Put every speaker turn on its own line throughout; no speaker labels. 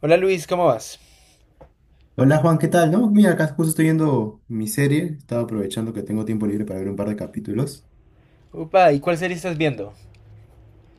Hola Luis, ¿cómo vas?
Hola Juan, ¿qué tal? No, mira, acá justo estoy viendo mi serie, estaba aprovechando que tengo tiempo libre para ver un par de capítulos.
Upa, ¿y cuál serie estás viendo?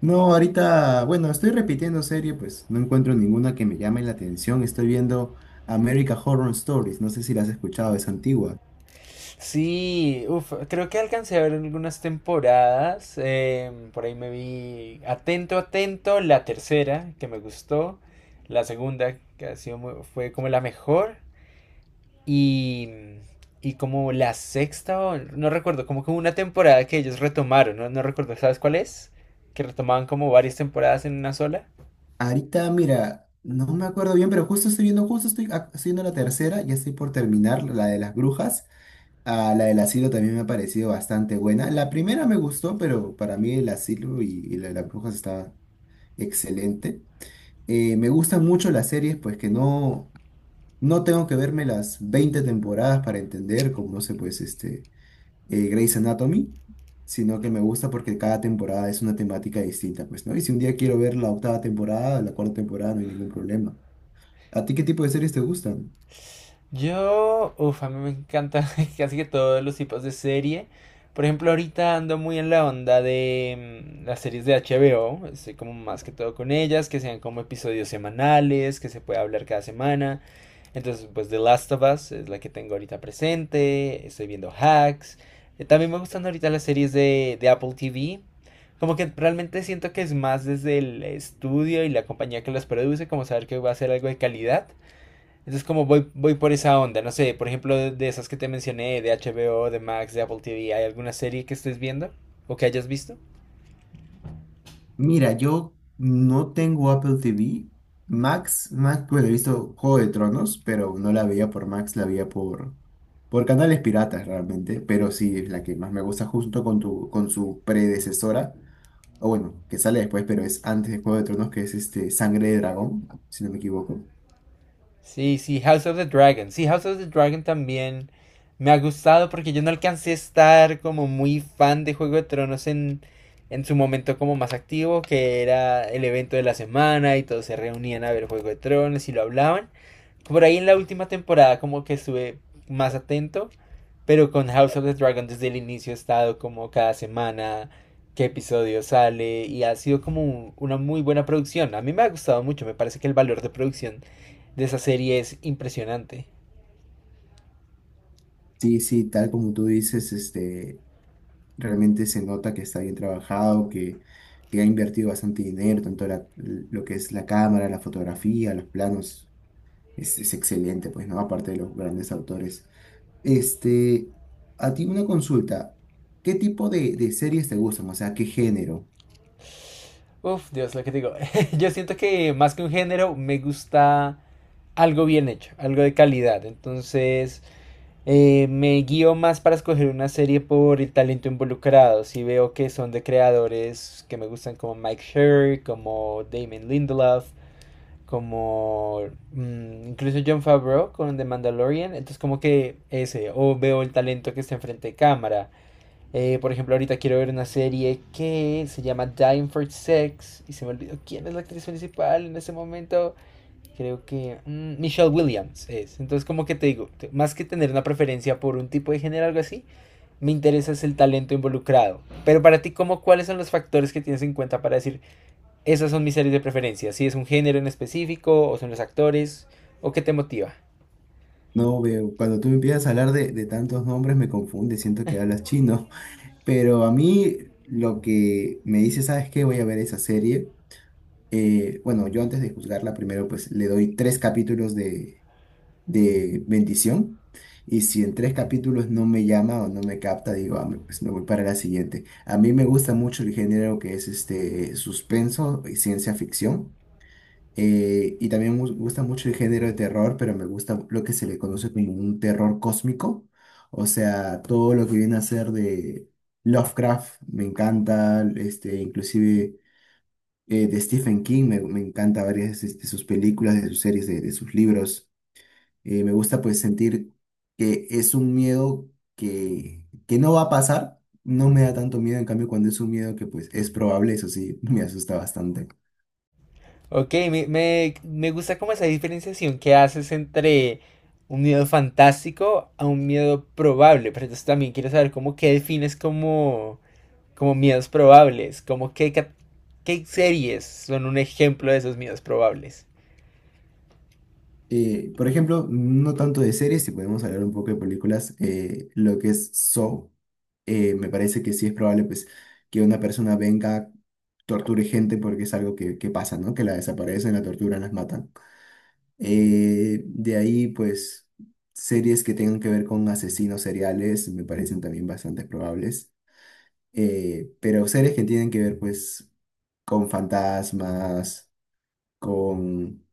No, ahorita, bueno, estoy repitiendo serie, pues no encuentro ninguna que me llame la atención. Estoy viendo America Horror Stories, no sé si la has escuchado, es antigua.
Sí, uf, creo que alcancé a ver algunas temporadas. Por ahí me vi Atento, Atento, la tercera, que me gustó. La segunda, que ha sido fue como la mejor. Y, y como la sexta, no recuerdo, como que hubo una temporada que ellos retomaron, ¿no? No recuerdo, ¿sabes cuál es? Que retomaban como varias temporadas en una sola.
Ahorita, mira, no me acuerdo bien, pero justo estoy viendo, estoy viendo la tercera, ya estoy por terminar la de las brujas. Ah, la del asilo también me ha parecido bastante buena. La primera me gustó, pero para mí el asilo y la de las brujas está excelente. Me gustan mucho las series, pues que no, no tengo que verme las 20 temporadas para entender, como no sé, pues este, Grey's Anatomy, sino que me gusta porque cada temporada es una temática distinta, pues, ¿no? Y si un día quiero ver la octava temporada, la cuarta temporada, no hay ningún problema. ¿A ti qué tipo de series te gustan?
Yo, uff, a mí me encanta casi que todos los tipos de serie. Por ejemplo, ahorita ando muy en la onda de las series de HBO. Estoy como más que todo con ellas, que sean como episodios semanales, que se pueda hablar cada semana. Entonces, pues The Last of Us es la que tengo ahorita presente. Estoy viendo Hacks. También me gustan ahorita las series de Apple TV. Como que realmente siento que es más desde el estudio y la compañía que las produce, como saber que va a ser algo de calidad, entonces como voy por esa onda, no sé, por ejemplo, de esas que te mencioné, de HBO, de Max, de Apple TV. ¿Hay alguna serie que estés viendo o que hayas visto?
Mira, yo no tengo Apple TV. Max, Max, pues he visto Juego de Tronos, pero no la veía por Max, la veía por canales piratas realmente. Pero sí, es la que más me gusta junto con, con su predecesora. O bueno, que sale después, pero es antes de Juego de Tronos, que es este Sangre de Dragón, si no me equivoco.
Sí, sí, House of the Dragon. Sí, House of the Dragon también me ha gustado porque yo no alcancé a estar como muy fan de Juego de Tronos en su momento como más activo, que era el evento de la semana y todos se reunían a ver Juego de Tronos y lo hablaban. Por ahí en la última temporada como que estuve más atento, pero con House of the Dragon desde el inicio he estado como cada semana, qué episodio sale y ha sido como una muy buena producción. A mí me ha gustado mucho, me parece que el valor de producción de esa serie es impresionante.
Sí, sí, tal como tú dices, este, realmente se nota que está bien trabajado, que ha invertido bastante dinero, lo que es la cámara, la fotografía, los planos es excelente, pues, ¿no? Aparte de los grandes autores. Este, a ti una consulta. ¿Qué tipo de series te gustan? O sea, ¿qué género?
Uf, Dios, lo que digo. Yo siento que más que un género me gusta algo bien hecho, algo de calidad. Me guío más para escoger una serie por el talento involucrado. Si veo que son de creadores que me gustan como Mike Sherr, como Damon Lindelof, como incluso Jon Favreau con The Mandalorian. Entonces como que ese, o veo el talento que está enfrente de cámara. Por ejemplo, ahorita quiero ver una serie que se llama Dying for Sex y se me olvidó quién es la actriz principal en ese momento. Creo que Michelle Williams es. Entonces, como que te digo, más que tener una preferencia por un tipo de género o algo así, me interesa es el talento involucrado. Pero para ti, ¿cuáles son los factores que tienes en cuenta para decir, esas son mis series de preferencia? Si es un género en específico, o son los actores, o qué te motiva.
No veo, cuando tú me empiezas a hablar de tantos nombres me confunde, siento que hablas chino. Pero a mí lo que me dice, ¿sabes qué? Voy a ver esa serie. Bueno, yo antes de juzgarla, primero pues le doy tres capítulos de bendición. Y si en tres capítulos no me llama o no me capta, digo, "Ah, pues me voy para la siguiente". A mí me gusta mucho el género que es este suspenso y ciencia ficción. Y también me gusta mucho el género de terror, pero me gusta lo que se le conoce como un terror cósmico. O sea, todo lo que viene a ser de Lovecraft me encanta, este, inclusive de Stephen King me encanta varias de sus películas, de sus series, de sus libros. Me gusta pues sentir que es un miedo que no va a pasar. No me da tanto miedo, en cambio, cuando es un miedo que pues es probable, eso sí, me asusta bastante.
Ok, me gusta como esa diferenciación que haces entre un miedo fantástico a un miedo probable, pero entonces también quiero saber cómo qué defines como, como miedos probables, como qué series son un ejemplo de esos miedos probables.
Por ejemplo, no tanto de series, si podemos hablar un poco de películas, lo que es Saw, me parece que sí es probable pues que una persona venga, torture gente porque es algo que pasa, ¿no? Que la desaparecen, la torturan, las matan. De ahí, pues, series que tengan que ver con asesinos seriales me parecen también bastante probables. Pero series que tienen que ver, pues, con fantasmas, con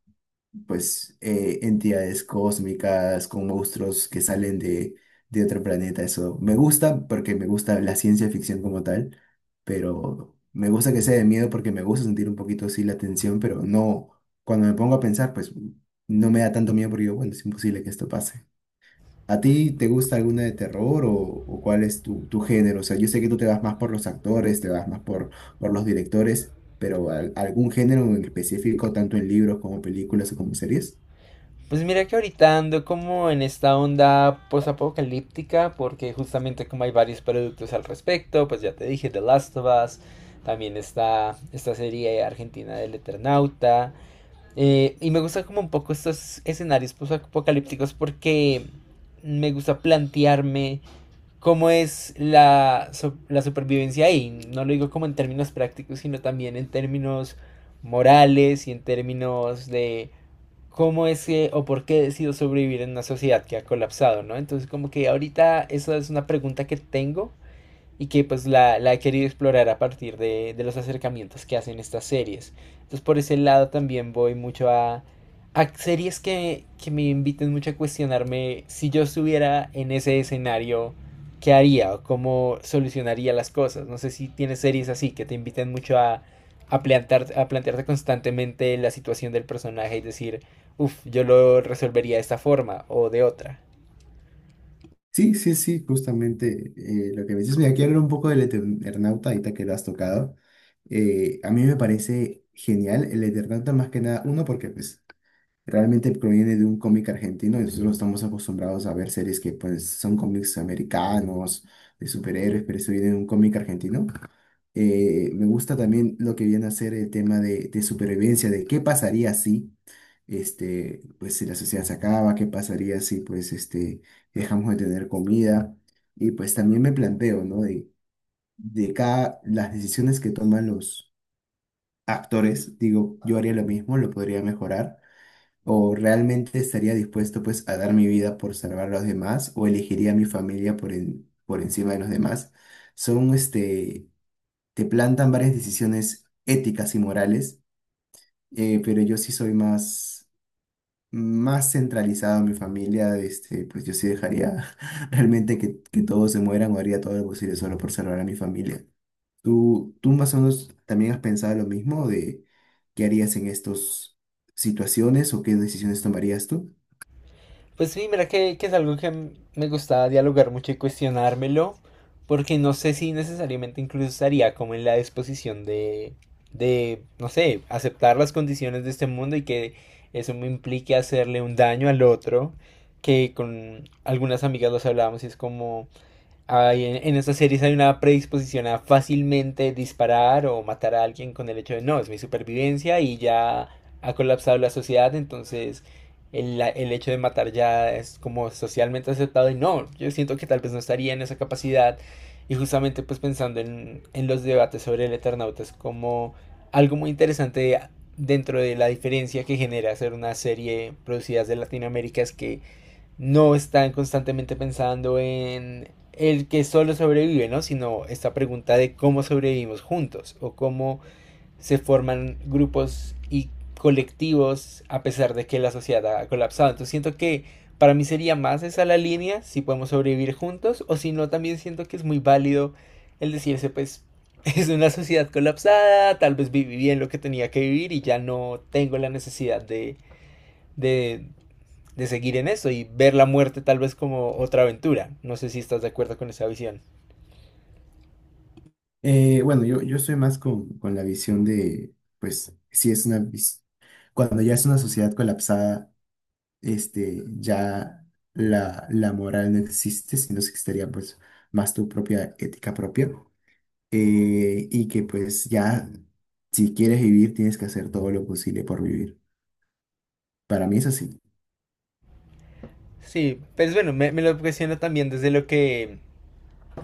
pues entidades cósmicas, con monstruos que salen de otro planeta. Eso me gusta porque me gusta la ciencia ficción como tal, pero me gusta que sea de miedo porque me gusta sentir un poquito así la tensión, pero no, cuando me pongo a pensar, pues no me da tanto miedo porque digo, bueno, es imposible que esto pase. ¿A ti te gusta alguna de terror o cuál es tu género? O sea, yo sé que tú te vas más por los actores, te vas más por los directores, pero algún género en específico, tanto en libros como películas o como series?
Pues mira que ahorita ando como en esta onda postapocalíptica, porque justamente como hay varios productos al respecto, pues ya te dije, The Last of Us, también está esta serie argentina del Eternauta. Y me gustan como un poco estos escenarios apocalípticos porque me gusta plantearme cómo es la supervivencia ahí. No lo digo como en términos prácticos, sino también en términos morales y en términos de cómo es que o por qué decido sobrevivir en una sociedad que ha colapsado, ¿no? Entonces como que ahorita esa es una pregunta que tengo y que pues la he querido explorar a partir de los acercamientos que hacen estas series. Entonces por ese lado también voy mucho a series que me inviten mucho a cuestionarme si yo estuviera en ese escenario, ¿qué haría o cómo solucionaría las cosas? No sé si tienes series así que te inviten mucho a, a plantearte constantemente la situación del personaje y decir, uff, yo lo resolvería de esta forma o de otra.
Sí, sí, sí, justamente lo que me dices. Mira, quiero hablar un poco del Eternauta, ahorita que lo has tocado. A mí me parece genial el Eternauta, más que nada, uno, porque pues, realmente proviene de un cómic argentino y nosotros no estamos acostumbrados a ver series que pues, son cómics americanos, de superhéroes, pero eso viene de un cómic argentino. Me gusta también lo que viene a ser el tema de supervivencia, de qué pasaría si, este, pues si la sociedad se acaba, qué pasaría si, pues, este, dejamos de tener comida. Y pues también me planteo, ¿no? De cada, las decisiones que toman los actores, digo, yo haría lo mismo, lo podría mejorar, o realmente estaría dispuesto, pues, a dar mi vida por salvar a los demás, o elegiría a mi familia por, por encima de los demás. Son, este, te plantan varias decisiones éticas y morales, pero yo sí soy más, más centralizado en mi familia, este, pues yo sí dejaría realmente que todos se mueran o haría todo lo posible solo por salvar a mi familia. Tú más o menos también has pensado lo mismo de qué harías en estas situaciones o qué decisiones tomarías tú?
Pues sí, mira que es algo que me gustaba dialogar mucho y cuestionármelo, porque no sé si necesariamente incluso estaría como en la disposición no sé, aceptar las condiciones de este mundo y que eso me implique hacerle un daño al otro, que con algunas amigas los hablábamos y es como, estas series hay una predisposición a fácilmente disparar o matar a alguien con el hecho de no, es mi supervivencia y ya ha colapsado la sociedad, entonces el hecho de matar ya es como socialmente aceptado y no, yo siento que tal vez no estaría en esa capacidad y justamente pues pensando en los debates sobre el Eternauta es como algo muy interesante dentro de la diferencia que genera hacer una serie producida de Latinoamérica es que no están constantemente pensando en el que solo sobrevive, ¿no? Sino esta pregunta de cómo sobrevivimos juntos o cómo se forman grupos y colectivos a pesar de que la sociedad ha colapsado. Entonces siento que para mí sería más esa la línea, si podemos sobrevivir juntos o si no, también siento que es muy válido el decirse, pues es una sociedad colapsada, tal vez viví bien lo que tenía que vivir y ya no tengo la necesidad de de seguir en eso y ver la muerte tal vez como otra aventura. No sé si estás de acuerdo con esa visión.
Bueno, yo soy más con la visión de, pues, si es una, cuando ya es una sociedad colapsada, este, ya la moral no existe, sino que estaría pues más tu propia ética propia. Y que pues ya, si quieres vivir, tienes que hacer todo lo posible por vivir. Para mí es así.
Sí, pues bueno, me lo cuestiono también desde lo que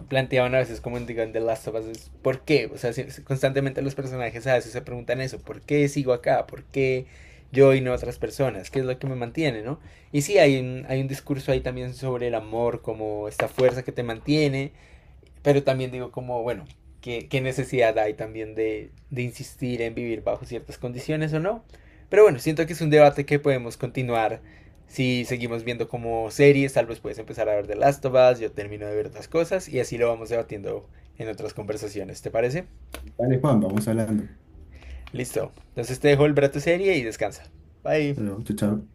planteaban a veces como en digo, en The Last of Us. ¿Por qué? O sea, si constantemente los personajes a veces se preguntan eso, ¿por qué sigo acá? ¿Por qué yo y no otras personas? ¿Qué es lo que me mantiene, no? Y sí, hay hay un discurso ahí también sobre el amor como esta fuerza que te mantiene. Pero también digo como, bueno, ¿qué necesidad hay también de insistir en vivir bajo ciertas condiciones o no? Pero bueno, siento que es un debate que podemos continuar si seguimos viendo como series, tal vez puedes empezar a ver The Last of Us, yo termino de ver otras cosas y así lo vamos debatiendo en otras conversaciones, ¿te parece?
Vale, Juan, vamos hablando.
Listo. Entonces te dejo el brato serie y descansa.
Hasta
Bye.
luego, chao, chao.